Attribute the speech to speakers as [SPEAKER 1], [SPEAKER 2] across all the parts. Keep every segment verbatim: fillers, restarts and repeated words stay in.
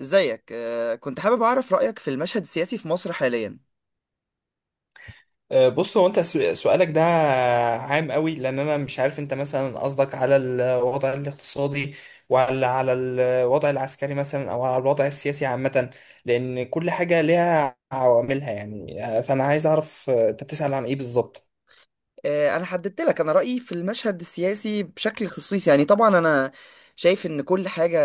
[SPEAKER 1] ازيك؟ آه، كنت حابب اعرف رأيك في المشهد السياسي في مصر حاليا.
[SPEAKER 2] آه، بص هو انت س- سؤالك ده عام قوي لان انا مش عارف انت مثلا قصدك على الوضع الاقتصادي، ولا على الوضع العسكري مثلا او على الوضع السياسي عامة، لان كل حاجة ليها عواملها يعني آه، فانا عايز اعرف آه، انت بتسأل عن ايه بالظبط.
[SPEAKER 1] آه، انا حددت لك انا رأيي في المشهد السياسي بشكل خصيص، يعني طبعا انا شايف ان كل حاجة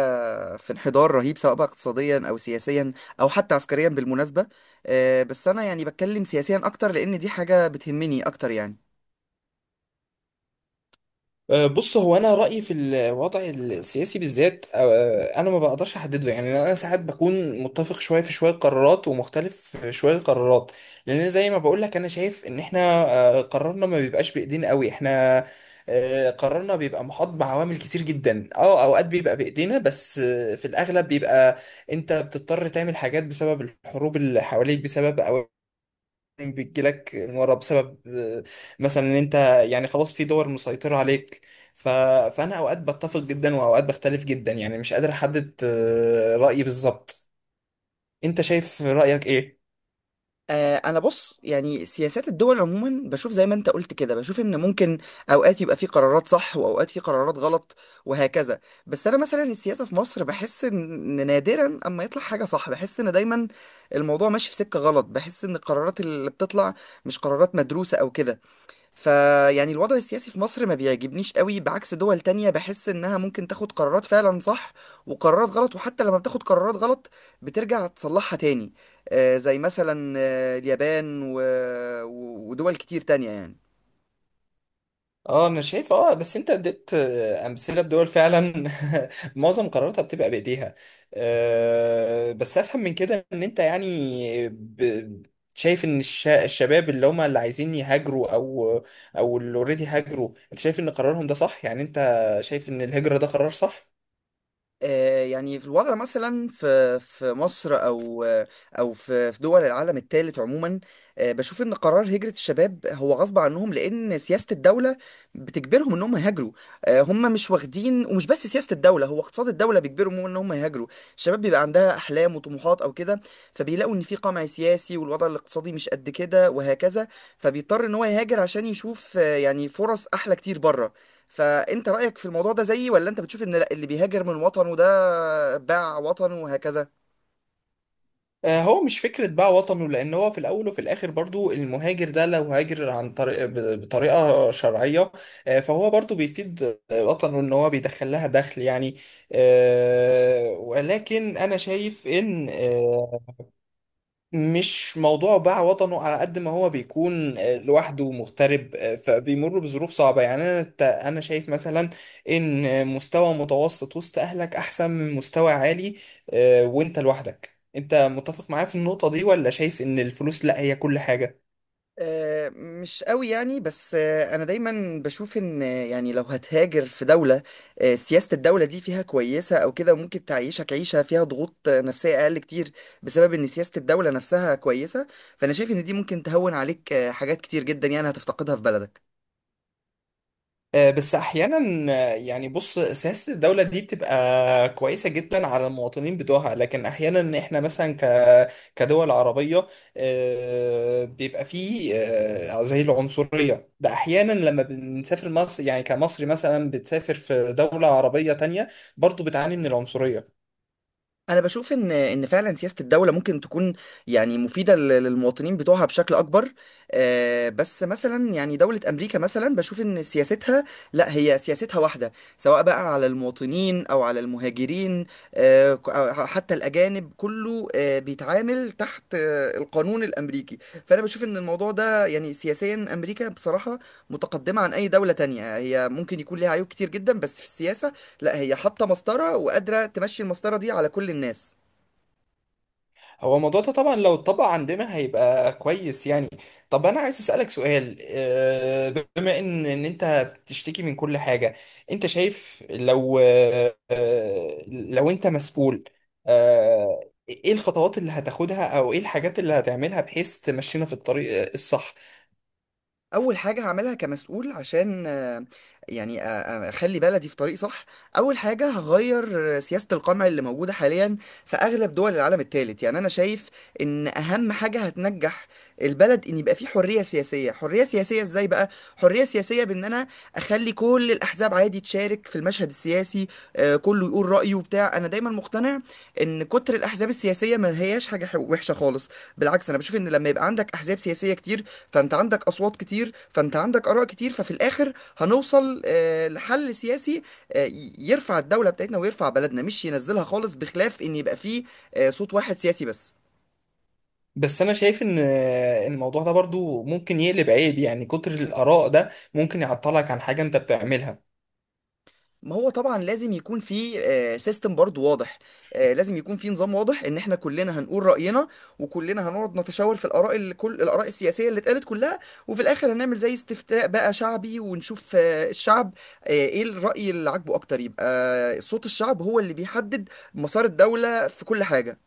[SPEAKER 1] في انحدار رهيب، سواء بقى اقتصاديا او سياسيا او حتى عسكريا بالمناسبة. آه، بس انا يعني بتكلم سياسيا اكتر لان دي حاجة بتهمني اكتر يعني.
[SPEAKER 2] أه، بص هو انا رايي في الوضع السياسي بالذات، أه، انا ما بقدرش احدده، يعني انا ساعات بكون متفق شويه في شويه قرارات ومختلف في شويه قرارات، لان زي ما بقول لك انا شايف ان احنا أه، قرارنا ما بيبقاش بايدينا قوي، احنا أه، قرارنا بيبقى محاط بعوامل كتير جدا، اه اوقات بيبقى بايدينا بس أه، في الاغلب بيبقى انت بتضطر تعمل حاجات بسبب الحروب اللي حواليك، بسبب بتجيلك المرة، بسبب آه، مثلا ان انت يعني خلاص في دول مسيطرة عليك ف... فانا اوقات بتفق جدا واوقات بختلف جدا، يعني مش قادر احدد آه، رأيي بالظبط. انت شايف رأيك ايه؟
[SPEAKER 1] آه، انا بص، يعني سياسات الدول عموما بشوف زي ما انت قلت كده، بشوف ان ممكن اوقات يبقى في قرارات صح واوقات في قرارات غلط وهكذا. بس انا مثلا السياسة في مصر بحس ان نادرا اما يطلع حاجة صح، بحس ان دايما الموضوع ماشي في سكة غلط، بحس ان القرارات اللي بتطلع مش قرارات مدروسة او كده. فيعني الوضع السياسي في مصر ما بيعجبنيش قوي، بعكس دول تانية بحس انها ممكن تاخد قرارات فعلا صح وقرارات غلط، وحتى لما بتاخد قرارات غلط بترجع تصلحها تاني. آه، زي مثلا آه، اليابان و- و- ودول كتير تانية يعني.
[SPEAKER 2] اه انا شايف اه. بس انت اديت آه، امثله بدول فعلا معظم قراراتها بتبقى بايديها. آه، بس افهم من كده ان انت يعني ب- شايف ان الش- الشباب اللي هم اللي عايزين يهاجروا، او او اللي اوريدي هاجروا، انت شايف ان قرارهم ده صح؟ يعني انت شايف ان الهجره ده قرار صح؟
[SPEAKER 1] آه، يعني في الوضع مثلا في في مصر او او في في دول العالم الثالث عموما، آه، بشوف ان قرار هجرة الشباب هو غصب عنهم، لان سياسة الدولة بتجبرهم ان هم يهاجروا. آه، هم مش واخدين، ومش بس سياسة الدولة، هو اقتصاد الدولة بيجبرهم ان هم يهاجروا. الشباب بيبقى عندها احلام وطموحات او كده، فبيلاقوا ان في قمع سياسي والوضع الاقتصادي مش قد كده وهكذا، فبيضطر ان هو يهاجر عشان يشوف آه، يعني فرص احلى كتير بره. فانت رأيك في الموضوع ده زيي، ولا انت بتشوف ان لا اللي بيهاجر من وطنه ده باع وطنه وهكذا؟
[SPEAKER 2] آه، هو مش فكرة بقى وطنه، لأن هو في الأول وفي الآخر برضو المهاجر ده لو هاجر عن طريق ب- بطريقة شرعية، آه، فهو برضو بيفيد آه، وطنه، إن هو بيدخل لها دخل يعني. آه، ولكن أنا شايف إن آه، مش موضوع باع وطنه، على قد ما هو بيكون آه، لوحده مغترب، آه، فبيمر بظروف صعبة، يعني أنا ت- أنا شايف مثلا إن مستوى متوسط وسط أهلك أحسن من مستوى عالي آه، وأنت لوحدك. أنت متفق معايا في النقطة دي، ولا شايف إن الفلوس لا هي كل حاجة؟
[SPEAKER 1] آه، مش قوي يعني، بس آه، انا دايما بشوف ان آه، يعني لو هتهاجر في دولة آه، سياسة الدولة دي فيها كويسة او كده، ممكن تعيشك عيشة فيها ضغوط آه، نفسية اقل كتير، بسبب ان سياسة الدولة نفسها كويسة. فانا شايف ان دي ممكن تهون عليك آه، حاجات كتير جدا يعني هتفتقدها في بلدك.
[SPEAKER 2] آه، بس احيانا آه، يعني بص سياسه الدوله دي بتبقى كويسه جدا على المواطنين بتوعها، لكن احيانا احنا مثلا ك كدول عربيه آه، بيبقى فيه آه، زي العنصريه ده، احيانا لما بنسافر مصر، يعني كمصري مثلا بتسافر في دوله عربيه تانية، برضو بتعاني من العنصريه.
[SPEAKER 1] انا بشوف ان ان فعلا سياسه الدوله ممكن تكون يعني مفيده لل- للمواطنين بتوعها بشكل اكبر. آه، بس مثلا يعني دوله امريكا مثلا بشوف ان سياستها، لا هي سياستها واحده سواء بقى على المواطنين او على المهاجرين آه، ك- أو حتى الاجانب، كله آه، بيتعامل تحت آه، القانون الامريكي. فانا بشوف ان الموضوع ده يعني سياسيا، امريكا بصراحه متقدمه عن اي دوله تانية. هي ممكن يكون ليها عيوب كتير جدا، بس في السياسه لا، هي حاطه مسطره وقادره تمشي المسطره دي على كل الناس.
[SPEAKER 2] هو الموضوع ده طبعا لو اتطبق عندنا هيبقى كويس يعني. طب انا عايز اسالك سؤال، آه، بما ان ان انت بتشتكي من كل حاجه، انت شايف لو آه، آه، لو انت مسؤول، آه، ايه الخطوات اللي هتاخدها او ايه الحاجات اللي هتعملها بحيث تمشينا في الطريق الصح؟
[SPEAKER 1] اول حاجه هعملها كمسؤول عشان آه، يعني آه، آه، اخلي بلدي في طريق صح، اول حاجه هغير سياسه القمع اللي موجوده حاليا في اغلب دول العالم الثالث. يعني انا شايف ان اهم حاجه هتنجح البلد ان يبقى فيه حريه سياسيه. حريه سياسيه ازاي بقى؟ حريه سياسيه بان انا اخلي كل الاحزاب عادي تشارك في المشهد السياسي، آه، كله يقول رايه وبتاع. انا دايما مقتنع ان كتر الاحزاب السياسيه ما هياش حاجه وحشه خالص، بالعكس انا بشوف ان لما يبقى عندك احزاب سياسيه كتير، فانت عندك اصوات كتير، فانت عندك اراء كتير، ففي الاخر هنوصل آه، لحل سياسي آه، ي- يرفع الدوله بتاعتنا ويرفع بلدنا، مش ينزلها خالص، بخلاف ان يبقى فيه آه، صوت واحد سياسي بس.
[SPEAKER 2] بس انا شايف ان آه، الموضوع ده برضو ممكن يقلب عيب، يعني كتر الاراء ده ممكن يعطلك عن حاجه انت بتعملها.
[SPEAKER 1] ما هو طبعا لازم يكون في سيستم برضو واضح، آه، لازم يكون في نظام واضح ان احنا كلنا هنقول رأينا، وكلنا هنقعد نتشاور في الاراء، اللي كل الاراء السياسية اللي اتقالت كلها، وفي الاخر هنعمل زي استفتاء بقى شعبي، ونشوف آه، الشعب آه، ايه الرأي اللي عاجبه اكتر، يبقى صوت الشعب هو اللي بيحدد مسار الدولة في كل حاجة.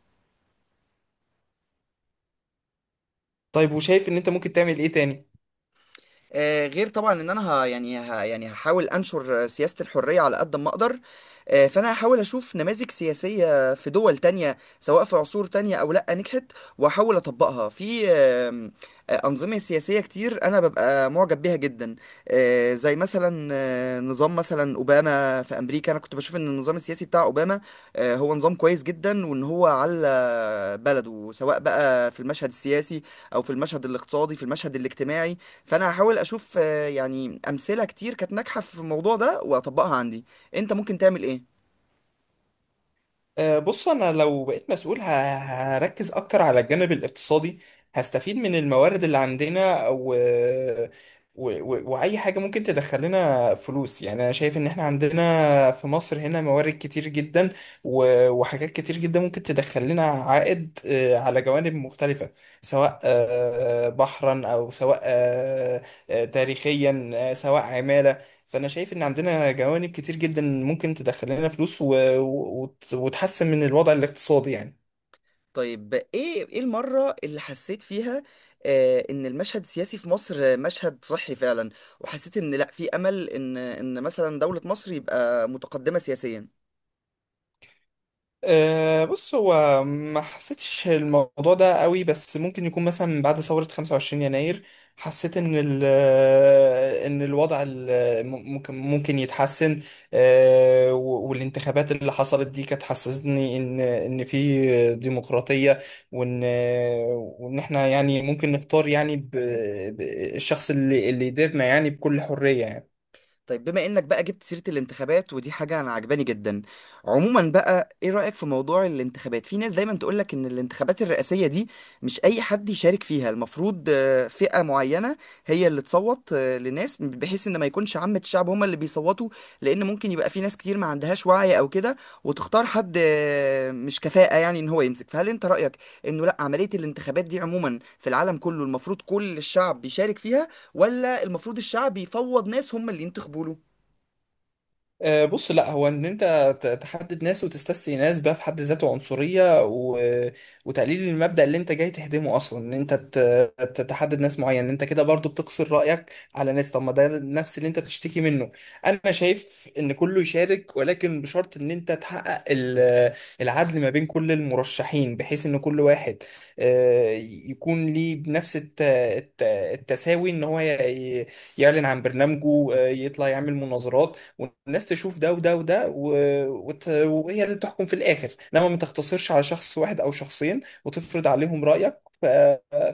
[SPEAKER 2] طيب وشايف ان انت ممكن تعمل ايه تاني؟
[SPEAKER 1] آه، غير طبعا ان انا ه يعني ه يعني هحاول انشر سياسة الحرية على قد ما اقدر. آه، فانا هحاول اشوف نماذج سياسية في دول تانية، سواء في عصور تانية او لا، نجحت واحاول اطبقها. في آم، آه، انظمة سياسية كتير انا ببقى معجب بيها جدا، آه، زي مثلا آه، نظام مثلا اوباما في امريكا. انا كنت بشوف ان النظام السياسي بتاع اوباما آه، هو نظام كويس جدا، وان هو على بلده سواء بقى في المشهد السياسي او في المشهد الاقتصادي، في المشهد الاجتماعي. فانا هحاول اشوف آه، يعني امثله كتير كانت ناجحه في الموضوع ده واطبقها عندي. انت ممكن تعمل ايه؟
[SPEAKER 2] آه، بص انا لو بقيت مسؤول ه- هركز اكتر على الجانب الاقتصادي، هستفيد من الموارد اللي عندنا و... و... و... واي حاجه ممكن تدخل لنا فلوس، يعني انا شايف ان احنا عندنا في مصر هنا موارد كتير جدا و... وحاجات كتير جدا ممكن تدخل لنا عائد آه، على جوانب مختلفه، سواء آه، بحرا او سواء آه، آه، تاريخيا آه، سواء عماله. فانا شايف ان عندنا جوانب كتير جدا ممكن تدخل لنا فلوس و... و... وت- وتحسن من الوضع الاقتصادي يعني.
[SPEAKER 1] طيب، ايه ايه المره اللي حسيت فيها آه، ان المشهد السياسي في مصر آه، مشهد صحي فعلا، وحسيت ان لا في امل ان ان مثلا دوله مصر يبقى متقدمه سياسيا؟
[SPEAKER 2] أه بص هو ما حسيتش الموضوع ده قوي، بس ممكن يكون مثلا من بعد ثورة خمسة وعشرين يناير حسيت ان ال آه، ان الوضع ال- ممكن ممكن يتحسن. أه و- والانتخابات اللي حصلت دي كانت حسستني ان ان في ديمقراطية، وان وان احنا يعني ممكن نختار، يعني ب- ب- الشخص اللي اللي يديرنا يعني بكل حرية يعني.
[SPEAKER 1] طيب، بما انك بقى جبت سيرة الانتخابات، ودي حاجة انا عجباني جدا عموما بقى، ايه رأيك في موضوع الانتخابات؟ في ناس دايما تقولك ان الانتخابات الرئاسية دي مش اي حد يشارك فيها، المفروض آه، فئة معينة هي اللي تصوت آه، لناس، بحيث ان ما يكونش عامة الشعب هما اللي بيصوتوا، لان ممكن يبقى في ناس كتير ما عندهاش وعي او كده، وتختار حد آه، مش كفاءة يعني ان هو يمسك. فهل انت رأيك انه لا، عملية الانتخابات دي عموما في العالم كله المفروض كل الشعب بيشارك فيها، ولا المفروض الشعب يفوض ناس هم اللي ينتخبوا له؟
[SPEAKER 2] آه، بص لا هو ان انت ت- تحدد ناس وتستثني ناس، ده في حد ذاته عنصرية و... وتقليل المبدأ اللي انت جاي تهدمه اصلا، ان انت ت... ت- تحدد ناس معين، انت كده برضو بتقصر رأيك على ناس، طب ما ده نفس اللي انت بتشتكي منه. انا شايف ان كله يشارك، ولكن بشرط ان انت تحقق ال... العدل ما بين كل المرشحين، بحيث ان كل واحد آه، يكون ليه بنفس الت... الت... التساوي، ان هو ي... يعلن عن برنامجه، آه، يطلع يعمل مناظرات، والناس تشوف ده وده وده و- وت- وهي اللي تحكم في الآخر، إنما ما تقتصرش على شخص واحد أو شخصين وتفرض عليهم رأيك ف...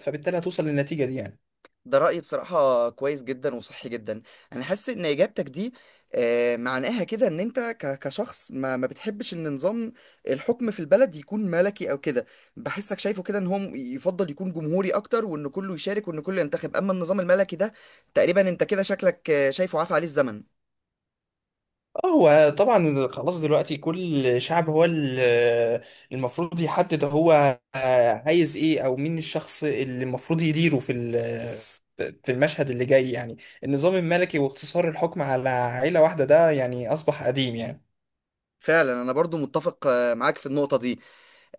[SPEAKER 2] فبالتالي هتوصل للنتيجة دي يعني.
[SPEAKER 1] ده رأيي بصراحة كويس جدا وصحي جدا. أنا حاسس إن إجابتك دي آه، معناها كده إن أنت ك- كشخص ما, ما بتحبش إن نظام الحكم في البلد يكون ملكي أو كده. بحسك شايفه كده إن هو يفضل يكون جمهوري أكتر، وإن كله يشارك وإن كله ينتخب، أما النظام الملكي ده تقريبا أنت كده شكلك آه، شايفه عافى عليه الزمن.
[SPEAKER 2] اه هو طبعا خلاص دلوقتي كل شعب هو ال- المفروض يحدد هو عايز ايه، او مين الشخص اللي المفروض يديره في ال- في المشهد اللي جاي يعني. النظام الملكي واقتصار الحكم على عيلة واحدة ده يعني أصبح قديم يعني.
[SPEAKER 1] فعلا أنا برضو متفق آه، معاك في النقطة دي.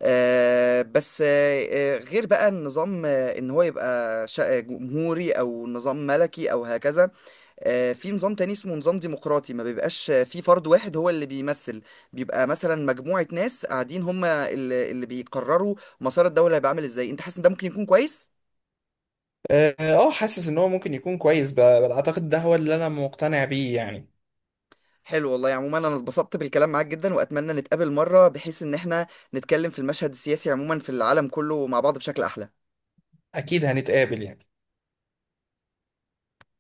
[SPEAKER 1] آه، بس آه، آه، غير بقى النظام آه، ان هو يبقى شا- آه، جمهوري او نظام ملكي او هكذا، آه، في نظام تاني اسمه نظام ديمقراطي، ما بيبقاش آه، في فرد واحد هو اللي بيمثل، بيبقى مثلا مجموعة ناس قاعدين هم اللي اللي بيقرروا مسار الدولة. هيبقى عامل ازاي؟ انت حاسس ان ده ممكن يكون كويس؟
[SPEAKER 2] اه آه، حاسس ان هو ممكن يكون كويس، ب- بل اعتقد ده هو اللي انا مقتنع بيه يعني.
[SPEAKER 1] حلو والله. عموما انا اتبسطت بالكلام معاك جدا، واتمنى نتقابل مرة بحيث ان احنا نتكلم في المشهد السياسي عموما في العالم كله مع بعض بشكل احلى.
[SPEAKER 2] اكيد هنتقابل يعني.